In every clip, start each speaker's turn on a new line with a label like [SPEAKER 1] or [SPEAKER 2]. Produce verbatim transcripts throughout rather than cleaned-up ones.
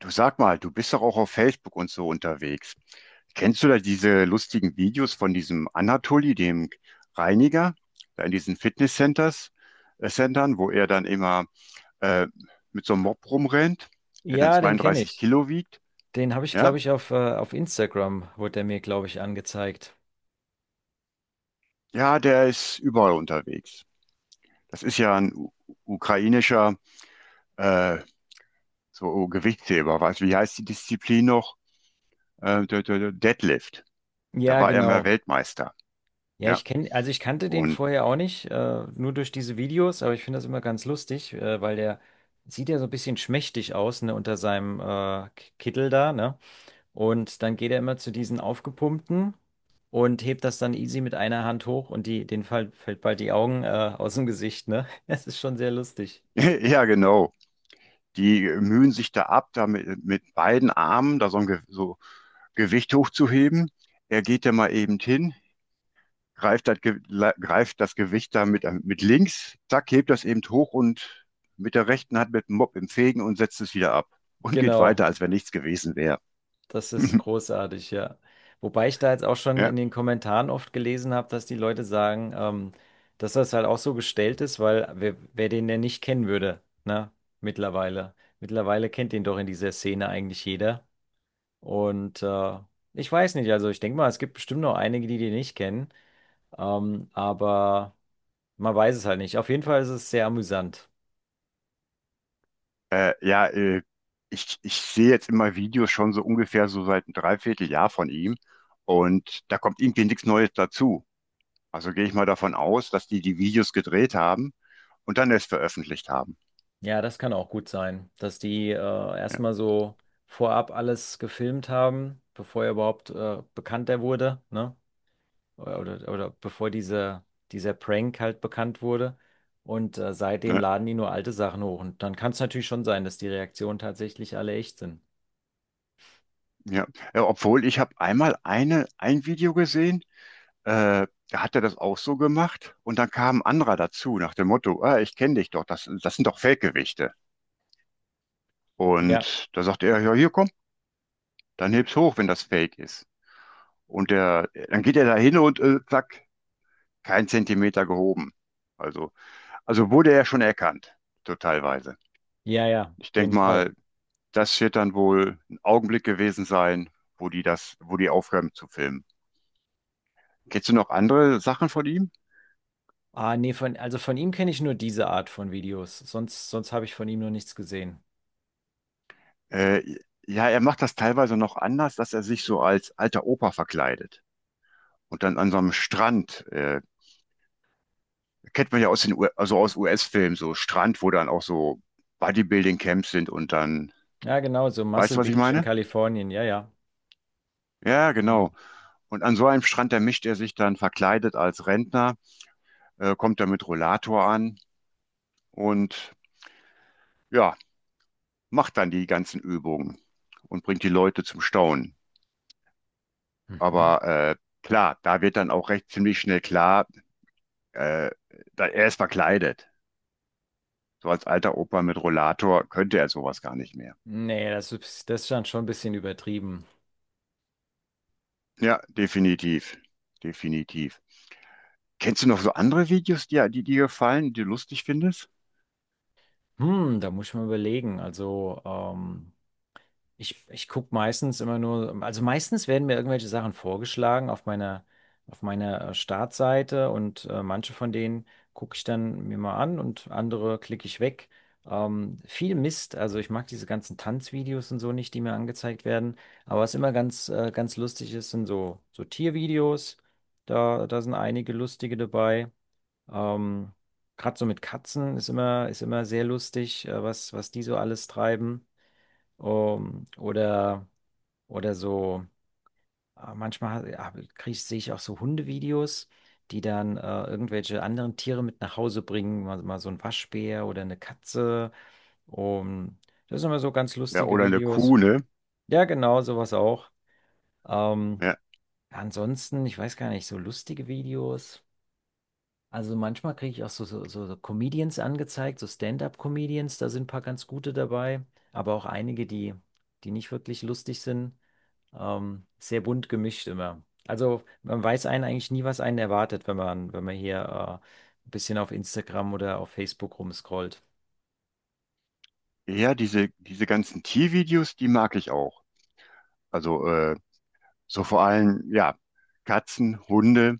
[SPEAKER 1] Du, sag mal, du bist doch auch auf Facebook und so unterwegs. Kennst du da diese lustigen Videos von diesem Anatoli, dem Reiniger, da in diesen Fitnesscenters, äh, Centern, wo er dann immer äh, mit so einem Mob rumrennt, der dann
[SPEAKER 2] Ja, den kenne
[SPEAKER 1] zweiunddreißig
[SPEAKER 2] ich.
[SPEAKER 1] Kilo wiegt?
[SPEAKER 2] Den habe ich, glaube
[SPEAKER 1] Ja,
[SPEAKER 2] ich, auf, äh, auf Instagram wurde der mir, glaube ich, angezeigt.
[SPEAKER 1] ja, der ist überall unterwegs. Das ist ja ein u- ukrainischer äh, so Gewichtsheber. Was, wie heißt die Disziplin noch? Äh, der, der, der Deadlift. Da
[SPEAKER 2] Ja,
[SPEAKER 1] war er mal
[SPEAKER 2] genau.
[SPEAKER 1] Weltmeister.
[SPEAKER 2] Ja,
[SPEAKER 1] Ja,
[SPEAKER 2] ich kenne, also ich kannte den
[SPEAKER 1] und
[SPEAKER 2] vorher auch nicht, äh, nur durch diese Videos, aber ich finde das immer ganz lustig, äh, weil der sieht ja so ein bisschen schmächtig aus, ne, unter seinem äh, K- Kittel da, ne? Und dann geht er immer zu diesen aufgepumpten und hebt das dann easy mit einer Hand hoch und die, den fall, fällt bald die Augen äh, aus dem Gesicht, ne? Das ist schon sehr lustig.
[SPEAKER 1] ja, genau. Die äh, mühen sich da ab, da mit, mit beiden Armen da so ein Ge so Gewicht hochzuheben. Er geht da mal eben hin, greift das, Ge greift das Gewicht da mit, äh, mit links, zack, hebt das eben hoch und mit der rechten Hand mit dem Mob im Fegen und setzt es wieder ab und geht
[SPEAKER 2] Genau.
[SPEAKER 1] weiter, als wenn nichts gewesen wäre.
[SPEAKER 2] Das ist großartig, ja. Wobei ich da jetzt auch schon in
[SPEAKER 1] Ja,
[SPEAKER 2] den Kommentaren oft gelesen habe, dass die Leute sagen, ähm, dass das halt auch so gestellt ist, weil wer, wer den denn nicht kennen würde, ne? Mittlerweile. Mittlerweile kennt den doch in dieser Szene eigentlich jeder. Und äh, ich weiß nicht, also ich denke mal, es gibt bestimmt noch einige, die den nicht kennen. Ähm, aber man weiß es halt nicht. Auf jeden Fall ist es sehr amüsant.
[SPEAKER 1] äh, ja äh, ich, ich sehe jetzt immer Videos schon so ungefähr so seit einem Dreivierteljahr von ihm, und da kommt irgendwie nichts Neues dazu. Also gehe ich mal davon aus, dass die die Videos gedreht haben und dann erst veröffentlicht haben.
[SPEAKER 2] Ja, das kann auch gut sein, dass die äh,
[SPEAKER 1] Ja,
[SPEAKER 2] erstmal so vorab alles gefilmt haben, bevor er überhaupt äh, bekannt wurde, ne? Oder, oder, oder bevor diese, dieser Prank halt bekannt wurde. Und äh, seitdem
[SPEAKER 1] ne,
[SPEAKER 2] laden die nur alte Sachen hoch. Und dann kann es natürlich schon sein, dass die Reaktionen tatsächlich alle echt sind.
[SPEAKER 1] ja. Ja, obwohl, ich habe einmal eine, ein Video gesehen, äh, da hat er das auch so gemacht und dann kam ein anderer dazu nach dem Motto: ah, ich kenne dich doch, das, das sind doch Fake-Gewichte.
[SPEAKER 2] Ja,
[SPEAKER 1] Und da sagt er: ja, hier komm, dann heb's hoch, wenn das Fake ist. Und der, dann geht er da hin und äh, zack, kein Zentimeter gehoben. Also, also wurde er schon erkannt, so teilweise.
[SPEAKER 2] ja, ja,
[SPEAKER 1] Ich
[SPEAKER 2] auf jeden
[SPEAKER 1] denke
[SPEAKER 2] Fall.
[SPEAKER 1] mal, das wird dann wohl ein Augenblick gewesen sein, wo die das, wo die aufhören zu filmen. Kennst du noch andere Sachen von ihm?
[SPEAKER 2] Ah, nee, von, also von ihm kenne ich nur diese Art von Videos. Sonst, sonst habe ich von ihm noch nichts gesehen.
[SPEAKER 1] Äh, ja, er macht das teilweise noch anders, dass er sich so als alter Opa verkleidet. Und dann an so einem Strand, äh, kennt man ja aus den U also aus U S-Filmen, so Strand, wo dann auch so Bodybuilding-Camps sind und dann,
[SPEAKER 2] Ja, genau, so
[SPEAKER 1] weißt du,
[SPEAKER 2] Muscle
[SPEAKER 1] was ich
[SPEAKER 2] Beach in
[SPEAKER 1] meine?
[SPEAKER 2] Kalifornien, ja, ja.
[SPEAKER 1] Ja,
[SPEAKER 2] Genau.
[SPEAKER 1] genau. Und an so einem Strand, da mischt er sich dann verkleidet als Rentner, äh, kommt dann mit Rollator an und ja, macht dann die ganzen Übungen und bringt die Leute zum Staunen.
[SPEAKER 2] Mhm.
[SPEAKER 1] Aber äh, klar, da wird dann auch recht ziemlich schnell klar, äh, da, er ist verkleidet. So als alter Opa mit Rollator könnte er sowas gar nicht mehr.
[SPEAKER 2] Nee, das ist, das ist dann schon ein bisschen übertrieben.
[SPEAKER 1] Ja, definitiv. Definitiv. Kennst du noch so andere Videos, die, die dir gefallen, die du lustig findest?
[SPEAKER 2] Hm, da muss ich mal überlegen. Also, ähm, ich, ich gucke meistens immer nur, also meistens werden mir irgendwelche Sachen vorgeschlagen auf meiner, auf meiner äh, Startseite und äh, manche von denen gucke ich dann mir mal an und andere klicke ich weg. Ähm, viel Mist, also ich mag diese ganzen Tanzvideos und so nicht, die mir angezeigt werden. Aber was immer ganz, äh, ganz lustig ist, sind so, so Tiervideos. Da, da sind einige lustige dabei. Ähm, gerade so mit Katzen ist immer, ist immer sehr lustig, äh, was, was die so alles treiben. Ähm, oder, oder so, äh, manchmal ha- ja, krieg, sehe ich auch so Hundevideos, die dann äh, irgendwelche anderen Tiere mit nach Hause bringen, mal, mal so ein Waschbär oder eine Katze. Um, das sind immer so ganz
[SPEAKER 1] Ja,
[SPEAKER 2] lustige
[SPEAKER 1] oder eine
[SPEAKER 2] Videos.
[SPEAKER 1] Kuh, ne?
[SPEAKER 2] Ja, genau, sowas auch. Ähm,
[SPEAKER 1] Ja,
[SPEAKER 2] ansonsten, ich weiß gar nicht, so lustige Videos. Also manchmal kriege ich auch so, so, so so Comedians angezeigt, so Stand-up-Comedians, da sind ein paar ganz gute dabei, aber auch einige, die, die nicht wirklich lustig sind. Ähm, sehr bunt gemischt immer. Also man weiß einen eigentlich nie, was einen erwartet, wenn man, wenn man hier äh, ein bisschen auf Instagram oder auf Facebook rumscrollt.
[SPEAKER 1] ja, diese, diese ganzen Tiervideos, die mag ich auch. Also äh, so vor allem, ja, Katzen, Hunde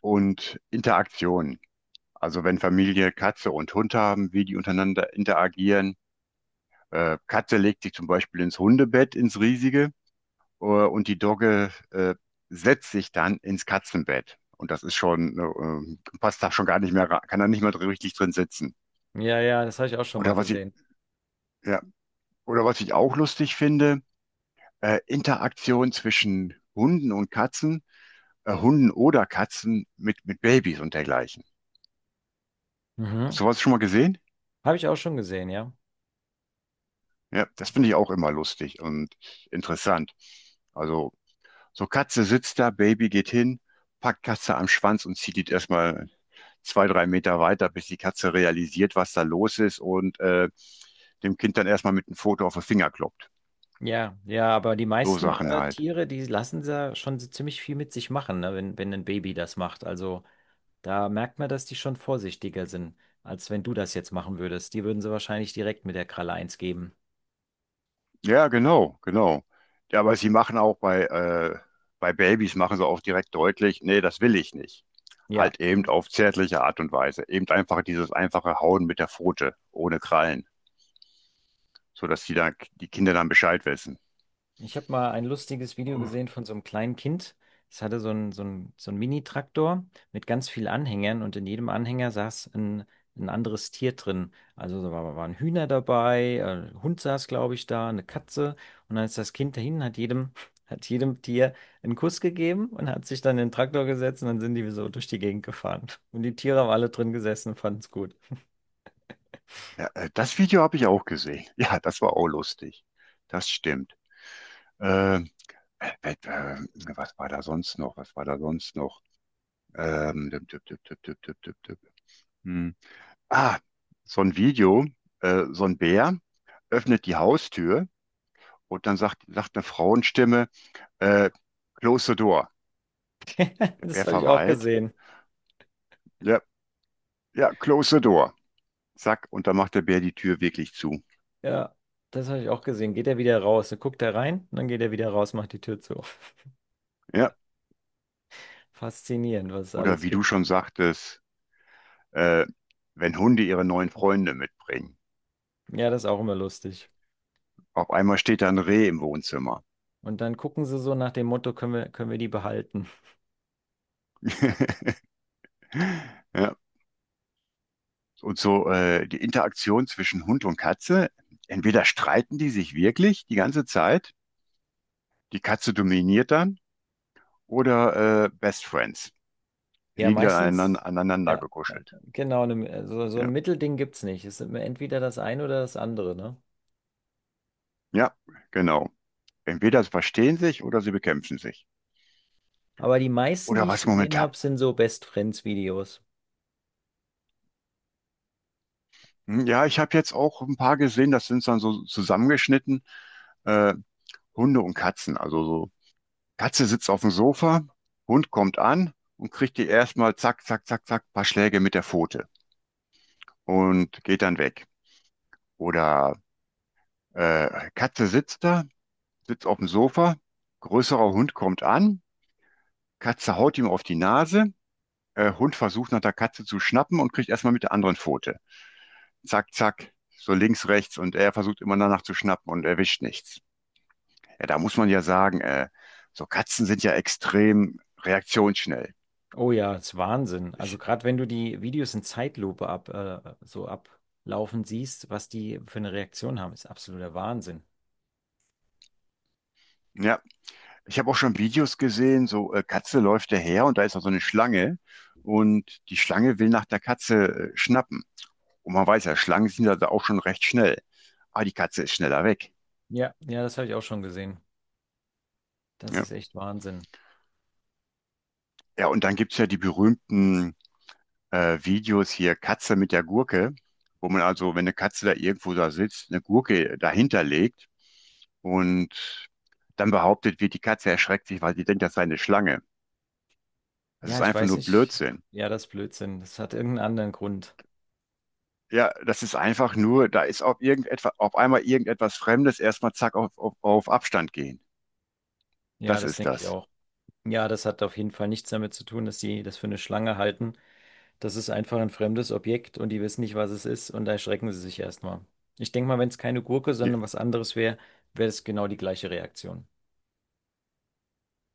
[SPEAKER 1] und Interaktionen. Also wenn Familie Katze und Hund haben, wie die untereinander interagieren. Äh, Katze legt sich zum Beispiel ins Hundebett, ins riesige, äh, und die Dogge äh, setzt sich dann ins Katzenbett. Und das ist schon, äh, äh, passt da schon gar nicht mehr, ra- kann da nicht mehr dr- richtig drin sitzen.
[SPEAKER 2] Ja, ja, das habe ich auch schon mal
[SPEAKER 1] Oder was ich,
[SPEAKER 2] gesehen.
[SPEAKER 1] ja, oder was ich auch lustig finde, äh, Interaktion zwischen Hunden und Katzen, äh, Hunden oder Katzen mit, mit Babys und dergleichen. Hast
[SPEAKER 2] Mhm.
[SPEAKER 1] du was schon mal gesehen?
[SPEAKER 2] Habe ich auch schon gesehen, ja.
[SPEAKER 1] Ja, das finde ich auch immer lustig und interessant. Also, so, Katze sitzt da, Baby geht hin, packt Katze am Schwanz und zieht die erstmal zwei, drei Meter weiter, bis die Katze realisiert, was da los ist, und äh, dem Kind dann erstmal mit einem Foto auf den Finger kloppt.
[SPEAKER 2] Ja, ja, aber die
[SPEAKER 1] So
[SPEAKER 2] meisten
[SPEAKER 1] Sachen
[SPEAKER 2] äh,
[SPEAKER 1] halt.
[SPEAKER 2] Tiere, die lassen ja schon so ziemlich viel mit sich machen, ne, wenn, wenn ein Baby das macht. Also da merkt man, dass die schon vorsichtiger sind, als wenn du das jetzt machen würdest. Die würden sie wahrscheinlich direkt mit der Kralle eins geben.
[SPEAKER 1] Ja, genau, genau. Ja, aber sie machen auch bei, äh, bei Babys, machen sie auch direkt deutlich, nee, das will ich nicht.
[SPEAKER 2] Ja.
[SPEAKER 1] Halt eben auf zärtliche Art und Weise. Eben einfach dieses einfache Hauen mit der Pfote, ohne Krallen, sodass die, dann, die Kinder dann Bescheid wissen.
[SPEAKER 2] Ich habe mal ein lustiges Video gesehen von so einem kleinen Kind. Es hatte so einen so einen, so einen Mini-Traktor mit ganz vielen Anhängern und in jedem Anhänger saß ein, ein anderes Tier drin. Also da war- waren Hühner dabei, äh, ein Hund saß, glaube ich, da, eine Katze. Und dann ist das Kind dahin, hat jedem, hat jedem Tier einen Kuss gegeben und hat sich dann in den Traktor gesetzt und dann sind die so durch die Gegend gefahren. Und die Tiere haben alle drin gesessen und fanden es gut.
[SPEAKER 1] Ja, äh, das Video habe ich auch gesehen. Ja, das war auch lustig. Das stimmt. Ähm, äh, äh, äh, was war da sonst noch? Was war da sonst noch? Ähm, düpp, düpp, düpp, düpp, düpp, düpp, düpp, düpp. Hm. Ah, so ein Video, äh, so ein Bär öffnet die Haustür und dann sagt, sagt eine Frauenstimme, äh, Close the door. Der
[SPEAKER 2] Das
[SPEAKER 1] Bär
[SPEAKER 2] habe ich auch
[SPEAKER 1] verweilt.
[SPEAKER 2] gesehen.
[SPEAKER 1] Ja, ja, close the door. Zack, und dann macht der Bär die Tür wirklich zu.
[SPEAKER 2] Ja, das habe ich auch gesehen. Geht er wieder raus, dann guckt er rein, und dann geht er wieder raus, macht die Tür zu.
[SPEAKER 1] Ja,
[SPEAKER 2] Faszinierend, was es
[SPEAKER 1] oder
[SPEAKER 2] alles
[SPEAKER 1] wie du
[SPEAKER 2] gibt.
[SPEAKER 1] schon sagtest, äh, wenn Hunde ihre neuen Freunde mitbringen.
[SPEAKER 2] Ja, das ist auch immer lustig.
[SPEAKER 1] Auf einmal steht da ein Reh im Wohnzimmer.
[SPEAKER 2] Und dann gucken sie so nach dem Motto, können wir, können wir die behalten?
[SPEAKER 1] Ja, und so äh, die Interaktion zwischen Hund und Katze, entweder streiten die sich wirklich die ganze Zeit, die Katze dominiert dann, oder äh, Best Friends
[SPEAKER 2] Ja,
[SPEAKER 1] liegen dann aneinander,
[SPEAKER 2] meistens,
[SPEAKER 1] aneinander
[SPEAKER 2] ja, ja,
[SPEAKER 1] gekuschelt.
[SPEAKER 2] genau, ne, so, so ein
[SPEAKER 1] Ja.
[SPEAKER 2] Mittelding gibt es nicht. Es ist immer entweder das eine oder das andere, ne?
[SPEAKER 1] Ja, genau. Entweder sie verstehen sich oder sie bekämpfen sich.
[SPEAKER 2] Aber die meisten, die
[SPEAKER 1] Oder
[SPEAKER 2] ich
[SPEAKER 1] was
[SPEAKER 2] gesehen
[SPEAKER 1] momentan.
[SPEAKER 2] habe, sind so Best Friends Videos.
[SPEAKER 1] Hm, ja, ich habe jetzt auch ein paar gesehen, das sind dann so zusammengeschnitten, äh, Hunde und Katzen, also so, Katze sitzt auf dem Sofa, Hund kommt an und kriegt die erstmal zack, zack, zack, zack, paar Schläge mit der Pfote und geht dann weg. Oder äh, Katze sitzt da, sitzt auf dem Sofa, größerer Hund kommt an, Katze haut ihm auf die Nase, äh, Hund versucht nach der Katze zu schnappen und kriegt erstmal mit der anderen Pfote. Zack, zack, so links, rechts, und er versucht immer danach zu schnappen und erwischt nichts. Ja, da muss man ja sagen, äh, so Katzen sind ja extrem reaktionsschnell.
[SPEAKER 2] Oh ja, das ist Wahnsinn. Also
[SPEAKER 1] Ich,
[SPEAKER 2] gerade wenn du die Videos in Zeitlupe ab, äh, so ablaufen siehst, was die für eine Reaktion haben, ist absoluter Wahnsinn.
[SPEAKER 1] ja, Ich habe auch schon Videos gesehen, so äh, Katze läuft daher und da ist noch so eine Schlange und die Schlange will nach der Katze äh, schnappen. Und man weiß ja, Schlangen sind ja da auch schon recht schnell. Ah, die Katze ist schneller weg.
[SPEAKER 2] Ja, ja, das habe ich auch schon gesehen. Das
[SPEAKER 1] Ja,
[SPEAKER 2] ist echt Wahnsinn.
[SPEAKER 1] ja, und dann gibt's ja die berühmten äh, Videos hier, Katze mit der Gurke, wo man also, wenn eine Katze da irgendwo da sitzt, eine Gurke dahinter legt und dann behauptet wird, die Katze erschreckt sich, weil sie denkt, das sei eine Schlange. Das
[SPEAKER 2] Ja,
[SPEAKER 1] ist
[SPEAKER 2] ich
[SPEAKER 1] einfach
[SPEAKER 2] weiß
[SPEAKER 1] nur
[SPEAKER 2] nicht.
[SPEAKER 1] Blödsinn.
[SPEAKER 2] Ja, das ist Blödsinn. Das hat irgendeinen anderen Grund.
[SPEAKER 1] Ja, das ist einfach nur, da ist auf irgendetwas, auf einmal irgendetwas Fremdes, erstmal zack auf, auf, auf Abstand gehen.
[SPEAKER 2] Ja,
[SPEAKER 1] Das
[SPEAKER 2] das
[SPEAKER 1] ist
[SPEAKER 2] denke ich
[SPEAKER 1] das.
[SPEAKER 2] auch. Ja, das hat auf jeden Fall nichts damit zu tun, dass die das für eine Schlange halten. Das ist einfach ein fremdes Objekt und die wissen nicht, was es ist und da erschrecken sie sich erstmal. Ich denke mal, wenn es keine Gurke, sondern was anderes wäre, wäre es genau die gleiche Reaktion.